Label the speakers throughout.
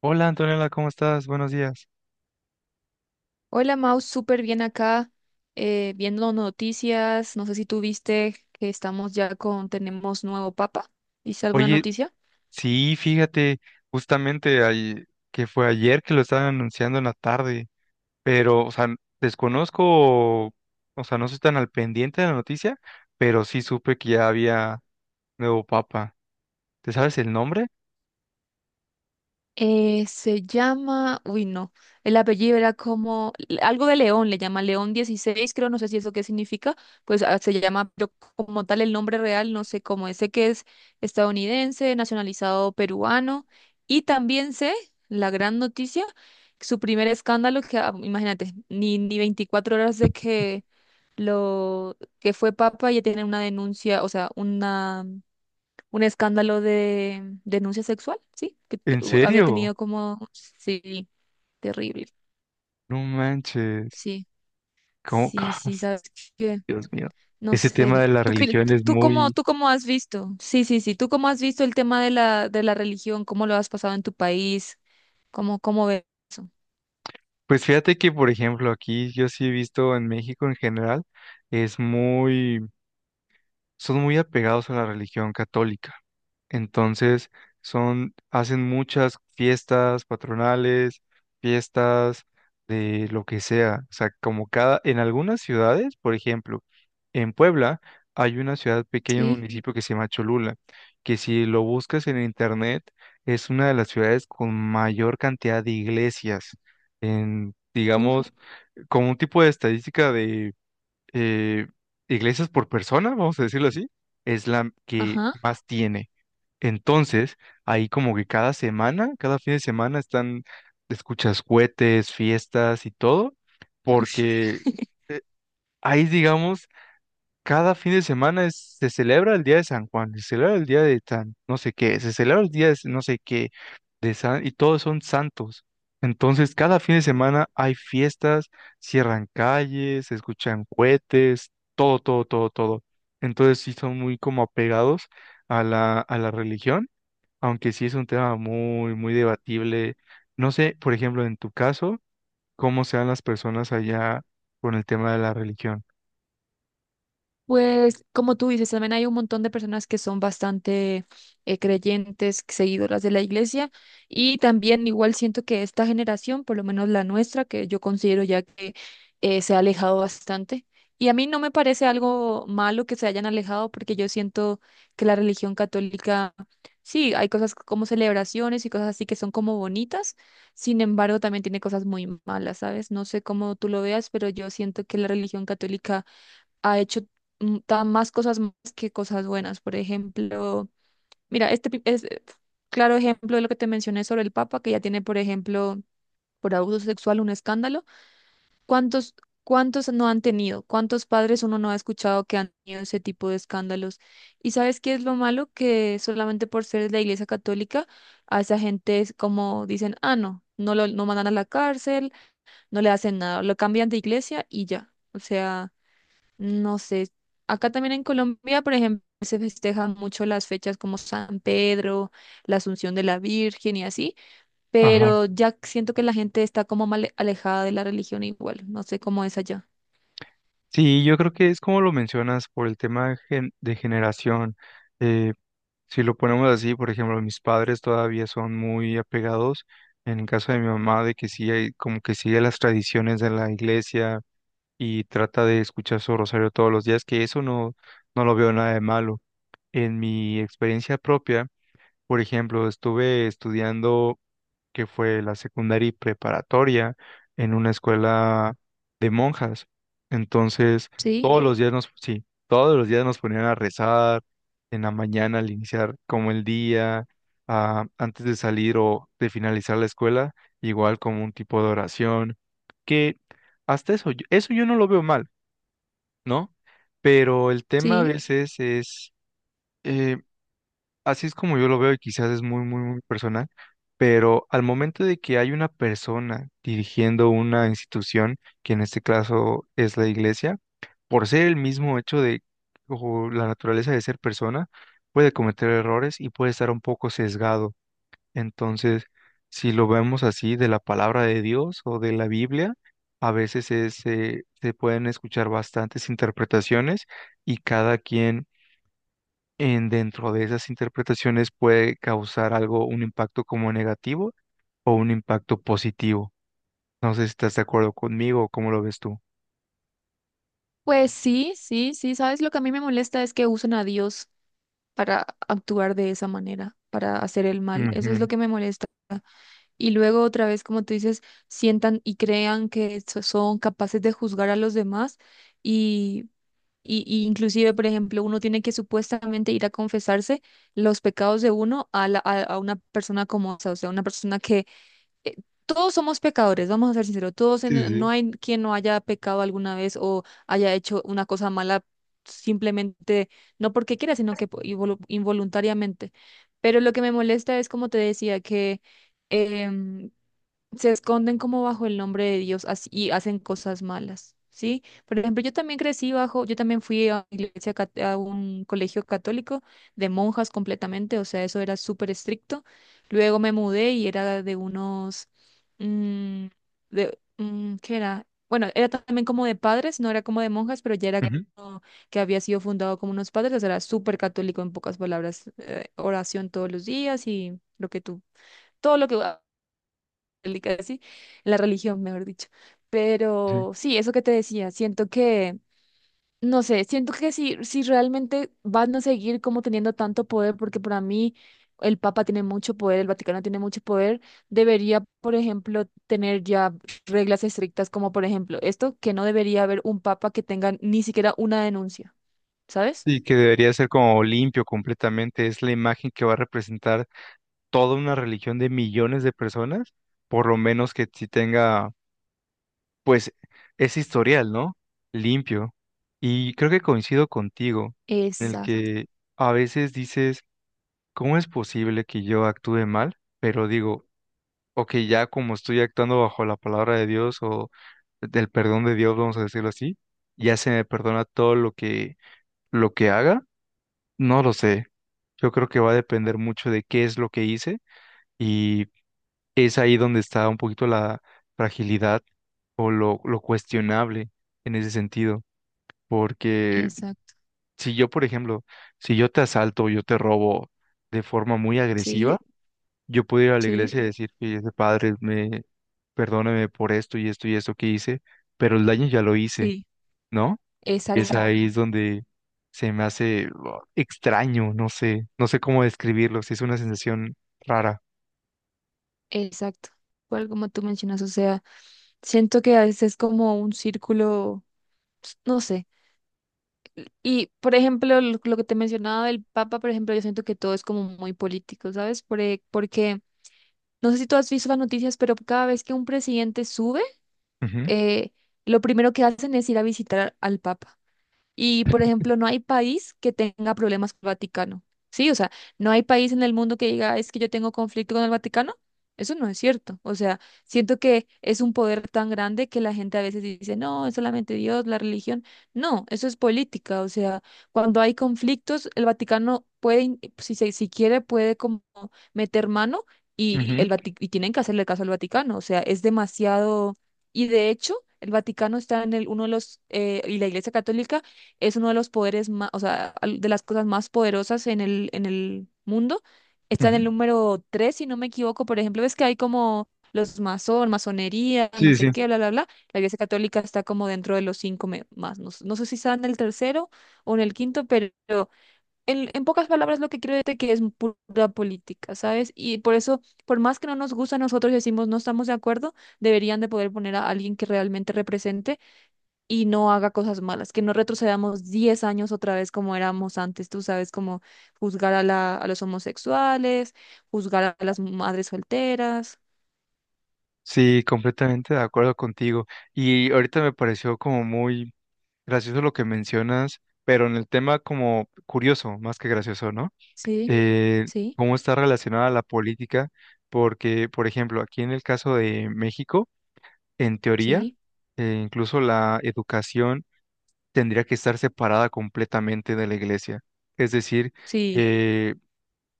Speaker 1: Hola Antonella, ¿cómo estás? Buenos días.
Speaker 2: Hola Mau, súper bien acá, viendo noticias. No sé si tú viste que estamos ya tenemos nuevo papa. ¿Viste alguna
Speaker 1: Oye,
Speaker 2: noticia?
Speaker 1: sí, fíjate, justamente ahí, que fue ayer que lo estaban anunciando en la tarde, pero, o sea, desconozco, o sea, no estoy tan al pendiente de la noticia, pero sí supe que ya había nuevo papa. ¿Te sabes el nombre?
Speaker 2: Se llama, uy no, el apellido era como algo de León, le llama León XVI creo, no sé si eso qué significa, pues se llama, pero como tal el nombre real, no sé cómo es, sé que es estadounidense, nacionalizado peruano, y también sé, la gran noticia, su primer escándalo, que imagínate, ni 24 horas de que lo que fue papa ya tiene una denuncia, o sea, una un escándalo de denuncia sexual, ¿sí? Que
Speaker 1: ¿En
Speaker 2: había
Speaker 1: serio?
Speaker 2: tenido como, sí, terrible.
Speaker 1: No manches.
Speaker 2: Sí,
Speaker 1: ¿Cómo?
Speaker 2: sí, sí, sabes que,
Speaker 1: Dios mío.
Speaker 2: no
Speaker 1: Ese tema
Speaker 2: sé,
Speaker 1: de la
Speaker 2: tú,
Speaker 1: religión es muy.
Speaker 2: tú cómo has visto, sí, sí, sí, tú cómo has visto el tema de la religión, cómo lo has pasado en tu país, cómo ves eso,
Speaker 1: Pues fíjate que, por ejemplo, aquí yo sí he visto en México en general, es muy son muy apegados a la religión católica. Entonces, hacen muchas fiestas patronales, fiestas de lo que sea. O sea, en algunas ciudades, por ejemplo, en Puebla hay una ciudad pequeña, un
Speaker 2: sí,
Speaker 1: municipio que se llama Cholula, que si lo buscas en internet, es una de las ciudades con mayor cantidad de iglesias en,
Speaker 2: uff,
Speaker 1: digamos, como un tipo de estadística, eh, iglesias por persona, vamos a decirlo así, es la que
Speaker 2: ajá.
Speaker 1: más tiene. Entonces, ahí como que cada semana, cada fin de semana están, escuchas cohetes, fiestas y todo, porque ahí, digamos, cada fin de semana se celebra el día de San Juan, se celebra el día de San, no sé qué, se celebra el día de no sé qué, de San, y todos son santos. Entonces, cada fin de semana hay fiestas, cierran calles, se escuchan cohetes, todo, todo, todo, todo. Entonces, sí son muy como apegados a la religión, aunque sí es un tema muy, muy debatible. No sé, por ejemplo, en tu caso, cómo sean las personas allá con el tema de la religión.
Speaker 2: Pues como tú dices, también hay un montón de personas que son bastante creyentes, seguidoras de la iglesia y también igual siento que esta generación, por lo menos la nuestra, que yo considero ya que se ha alejado bastante. Y a mí no me parece algo malo que se hayan alejado porque yo siento que la religión católica, sí, hay cosas como celebraciones y cosas así que son como bonitas, sin embargo también tiene cosas muy malas, ¿sabes? No sé cómo tú lo veas, pero yo siento que la religión católica ha hecho tan más cosas más que cosas buenas. Por ejemplo, mira, este es claro ejemplo de lo que te mencioné sobre el Papa, que ya tiene, por ejemplo, por abuso sexual un escándalo. ¿Cuántos, cuántos no han tenido? ¿Cuántos padres uno no ha escuchado que han tenido ese tipo de escándalos? ¿Y sabes qué es lo malo? Que solamente por ser de la Iglesia Católica, a esa gente es como dicen, ah, no, no lo no mandan a la cárcel, no le hacen nada, lo cambian de iglesia y ya. O sea, no sé, acá también en Colombia, por ejemplo, se festejan mucho las fechas como San Pedro, la Asunción de la Virgen y así, pero ya siento que la gente está como mal alejada de la religión igual, no sé cómo es allá.
Speaker 1: Sí, yo creo que es como lo mencionas por el tema de generación. Eh, si lo ponemos así, por ejemplo, mis padres todavía son muy apegados, en el caso de mi mamá, de que sí, como que sigue las tradiciones de la iglesia y trata de escuchar su rosario todos los días, que eso no, no lo veo nada de malo. En mi experiencia propia, por ejemplo, estuve estudiando que fue la secundaria y preparatoria en una escuela de monjas. Entonces,
Speaker 2: Sí,
Speaker 1: todos los días nos, sí, todos los días nos ponían a rezar en la mañana al iniciar como el día, ah, antes de salir o de finalizar la escuela, igual como un tipo de oración, que hasta eso, eso yo no lo veo mal, ¿no? Pero el tema a
Speaker 2: sí,
Speaker 1: veces es. eh, Así es como yo lo veo y quizás es muy, muy, muy personal, pero al momento de que hay una persona dirigiendo una institución, que en este caso es la iglesia, por ser el mismo hecho de o la naturaleza de ser persona, puede cometer errores y puede estar un poco sesgado. Entonces, si lo vemos así de la palabra de Dios o de la Biblia, a veces es, se pueden escuchar bastantes interpretaciones y cada quien en dentro de esas interpretaciones puede causar algo, un impacto como negativo o un impacto positivo. No sé si estás de acuerdo conmigo o cómo lo ves tú.
Speaker 2: pues sí, sí, sí, sabes, lo que a mí me molesta es que usan a Dios para actuar de esa manera, para hacer el mal, eso es lo
Speaker 1: Ujú.
Speaker 2: que me molesta. Y luego otra vez, como tú dices, sientan y crean que son capaces de juzgar a los demás. Y y inclusive, por ejemplo, uno tiene que supuestamente ir a confesarse los pecados de uno a una persona como esa, o sea, una persona que eh, todos somos pecadores, vamos a ser sinceros, todos
Speaker 1: Sí,
Speaker 2: no
Speaker 1: sí.
Speaker 2: hay quien no haya pecado alguna vez o haya hecho una cosa mala simplemente, no porque quiera, sino que involuntariamente. Pero lo que me molesta es, como te decía, que em, se esconden como bajo el nombre de Dios así y hacen cosas malas, ¿sí? Por ejemplo, yo también crecí yo también fui a un colegio católico de monjas completamente, o sea, eso era súper estricto. Luego me mudé y era de unos, mm, de, ¿qué era? Bueno, era también como de padres, no era como de monjas, pero ya era
Speaker 1: Ujú.
Speaker 2: como que había sido fundado como unos padres, o sea, era súper católico en pocas palabras, oración todos los días y lo que tú, todo lo que católica, sí, en la religión, mejor dicho.
Speaker 1: Sí.
Speaker 2: Pero sí, eso que te decía, siento que, no sé, siento que si realmente van a seguir como teniendo tanto poder, porque para mí el Papa tiene mucho poder, el Vaticano tiene mucho poder, debería, por ejemplo, tener ya reglas estrictas como, por ejemplo, esto, que no debería haber un Papa que tenga ni siquiera una denuncia, ¿sabes?
Speaker 1: Y que debería ser como limpio completamente. Es la imagen que va a representar toda una religión de millones de personas, por lo menos que si tenga, pues, ese historial, ¿no? Limpio. Y creo que coincido contigo en el
Speaker 2: Exacto,
Speaker 1: que a veces dices ¿cómo es posible que yo actúe mal? Pero digo, ok, ya como estoy actuando bajo la palabra de Dios o del perdón de Dios, vamos a decirlo así, ya se me perdona todo lo que haga. No lo sé. Yo creo que va a depender mucho de qué es lo que hice y es ahí donde está un poquito la fragilidad o lo cuestionable en ese sentido. Porque
Speaker 2: exacto,
Speaker 1: si yo, por ejemplo, si yo te asalto o yo te robo de forma muy
Speaker 2: sí,
Speaker 1: agresiva, yo puedo ir a la
Speaker 2: sí,
Speaker 1: iglesia y decir, fíjese, padre, perdóneme por esto y esto y esto que hice, pero el daño ya lo hice,
Speaker 2: sí,
Speaker 1: ¿no? Es
Speaker 2: exacto,
Speaker 1: Exacto. Ahí es donde se me hace, oh, extraño, no sé, no sé cómo describirlo, sí es una sensación rara.
Speaker 2: exacto. Cual como tú mencionas, o sea, siento que a veces es como un círculo, pues, no sé. Y, por ejemplo, lo que te mencionaba del Papa, por ejemplo, yo siento que todo es como muy político, ¿sabes? Porque, no sé si tú has visto las noticias, pero cada vez que un presidente sube,
Speaker 1: Ujú,
Speaker 2: eh, lo primero que hacen es ir a visitar al Papa. Y, por ejemplo, no hay país que tenga problemas con el Vaticano. Sí, o sea, no hay país en el mundo que diga, es que yo tengo conflicto con el Vaticano. Eso no es cierto. O sea, siento que es un poder tan grande que la gente a veces dice, no, es solamente Dios, la religión. No, eso es política. O sea, cuando hay conflictos, el Vaticano puede, si quiere, puede como meter mano y,
Speaker 1: ujú,
Speaker 2: y tienen que hacerle caso al Vaticano. O sea, es demasiado. Y de hecho, el Vaticano está en el, uno de los, y la Iglesia Católica es uno de los poderes más, o sea, de las cosas más poderosas en el mundo. Está en
Speaker 1: ujú.
Speaker 2: el número 3 si no me equivoco. Por ejemplo, ves que hay como los masonería, no
Speaker 1: Sí,
Speaker 2: sé
Speaker 1: sí, sí.
Speaker 2: qué, bla, bla, bla. La Iglesia Católica está como dentro de los cinco más. No, no sé si está en el tercero o en el quinto, pero en pocas palabras lo que quiero decirte que es pura política, ¿sabes? Y por eso, por más que no nos gusta a nosotros y decimos no estamos de acuerdo, deberían de poder poner a alguien que realmente represente y no haga cosas malas, que no retrocedamos 10 años otra vez como éramos antes, tú sabes, como juzgar a a los homosexuales, juzgar a las madres solteras.
Speaker 1: Sí, completamente de acuerdo contigo. Y ahorita me pareció como muy gracioso lo que mencionas, pero en el tema como curioso, más que gracioso, ¿no?
Speaker 2: Sí,
Speaker 1: eh,
Speaker 2: sí,
Speaker 1: cómo está relacionada la política, porque, por ejemplo, aquí en el caso de México, en teoría,
Speaker 2: sí,
Speaker 1: incluso la educación tendría que estar separada completamente de la iglesia. Es decir,
Speaker 2: sí,
Speaker 1: eh,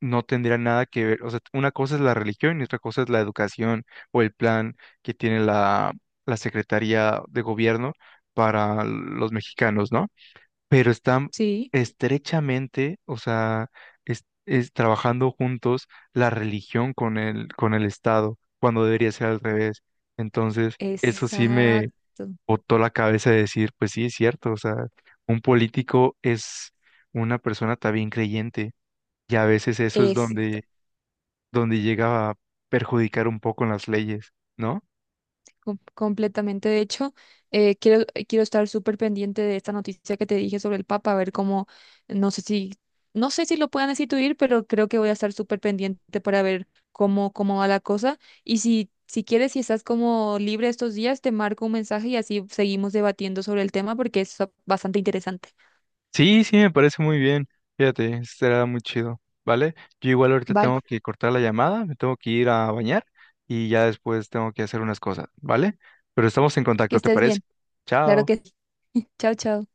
Speaker 1: no tendría nada que ver, o sea, una cosa es la religión y otra cosa es la educación o el plan que tiene la Secretaría de Gobierno para los mexicanos, ¿no? Pero están
Speaker 2: sí,
Speaker 1: estrechamente, o sea, es, trabajando juntos la religión con el Estado, cuando debería ser al revés. Entonces, eso sí me
Speaker 2: exacto.
Speaker 1: botó la cabeza de decir, pues sí, es cierto, o sea, un político es una persona también creyente, y a veces eso es donde llega a perjudicar un poco en las leyes, ¿no?
Speaker 2: Completamente. De hecho, quiero estar súper pendiente de esta noticia que te dije sobre el Papa, a ver cómo, no sé si, no sé si lo puedan destituir, pero creo que voy a estar súper pendiente para ver cómo, cómo va la cosa. Y si, si quieres, si estás como libre estos días, te marco un mensaje y así seguimos debatiendo sobre el tema porque es bastante interesante.
Speaker 1: Sí, sí, me parece muy bien. Fíjate, será muy chido, ¿vale? Yo igual ahorita tengo
Speaker 2: Vale,
Speaker 1: que cortar la llamada, me tengo que ir a bañar y ya después tengo que hacer unas cosas, ¿vale? Pero estamos en
Speaker 2: que
Speaker 1: contacto, ¿te
Speaker 2: estés
Speaker 1: parece?
Speaker 2: bien. Claro
Speaker 1: Chao.
Speaker 2: que sí. Chao, chao.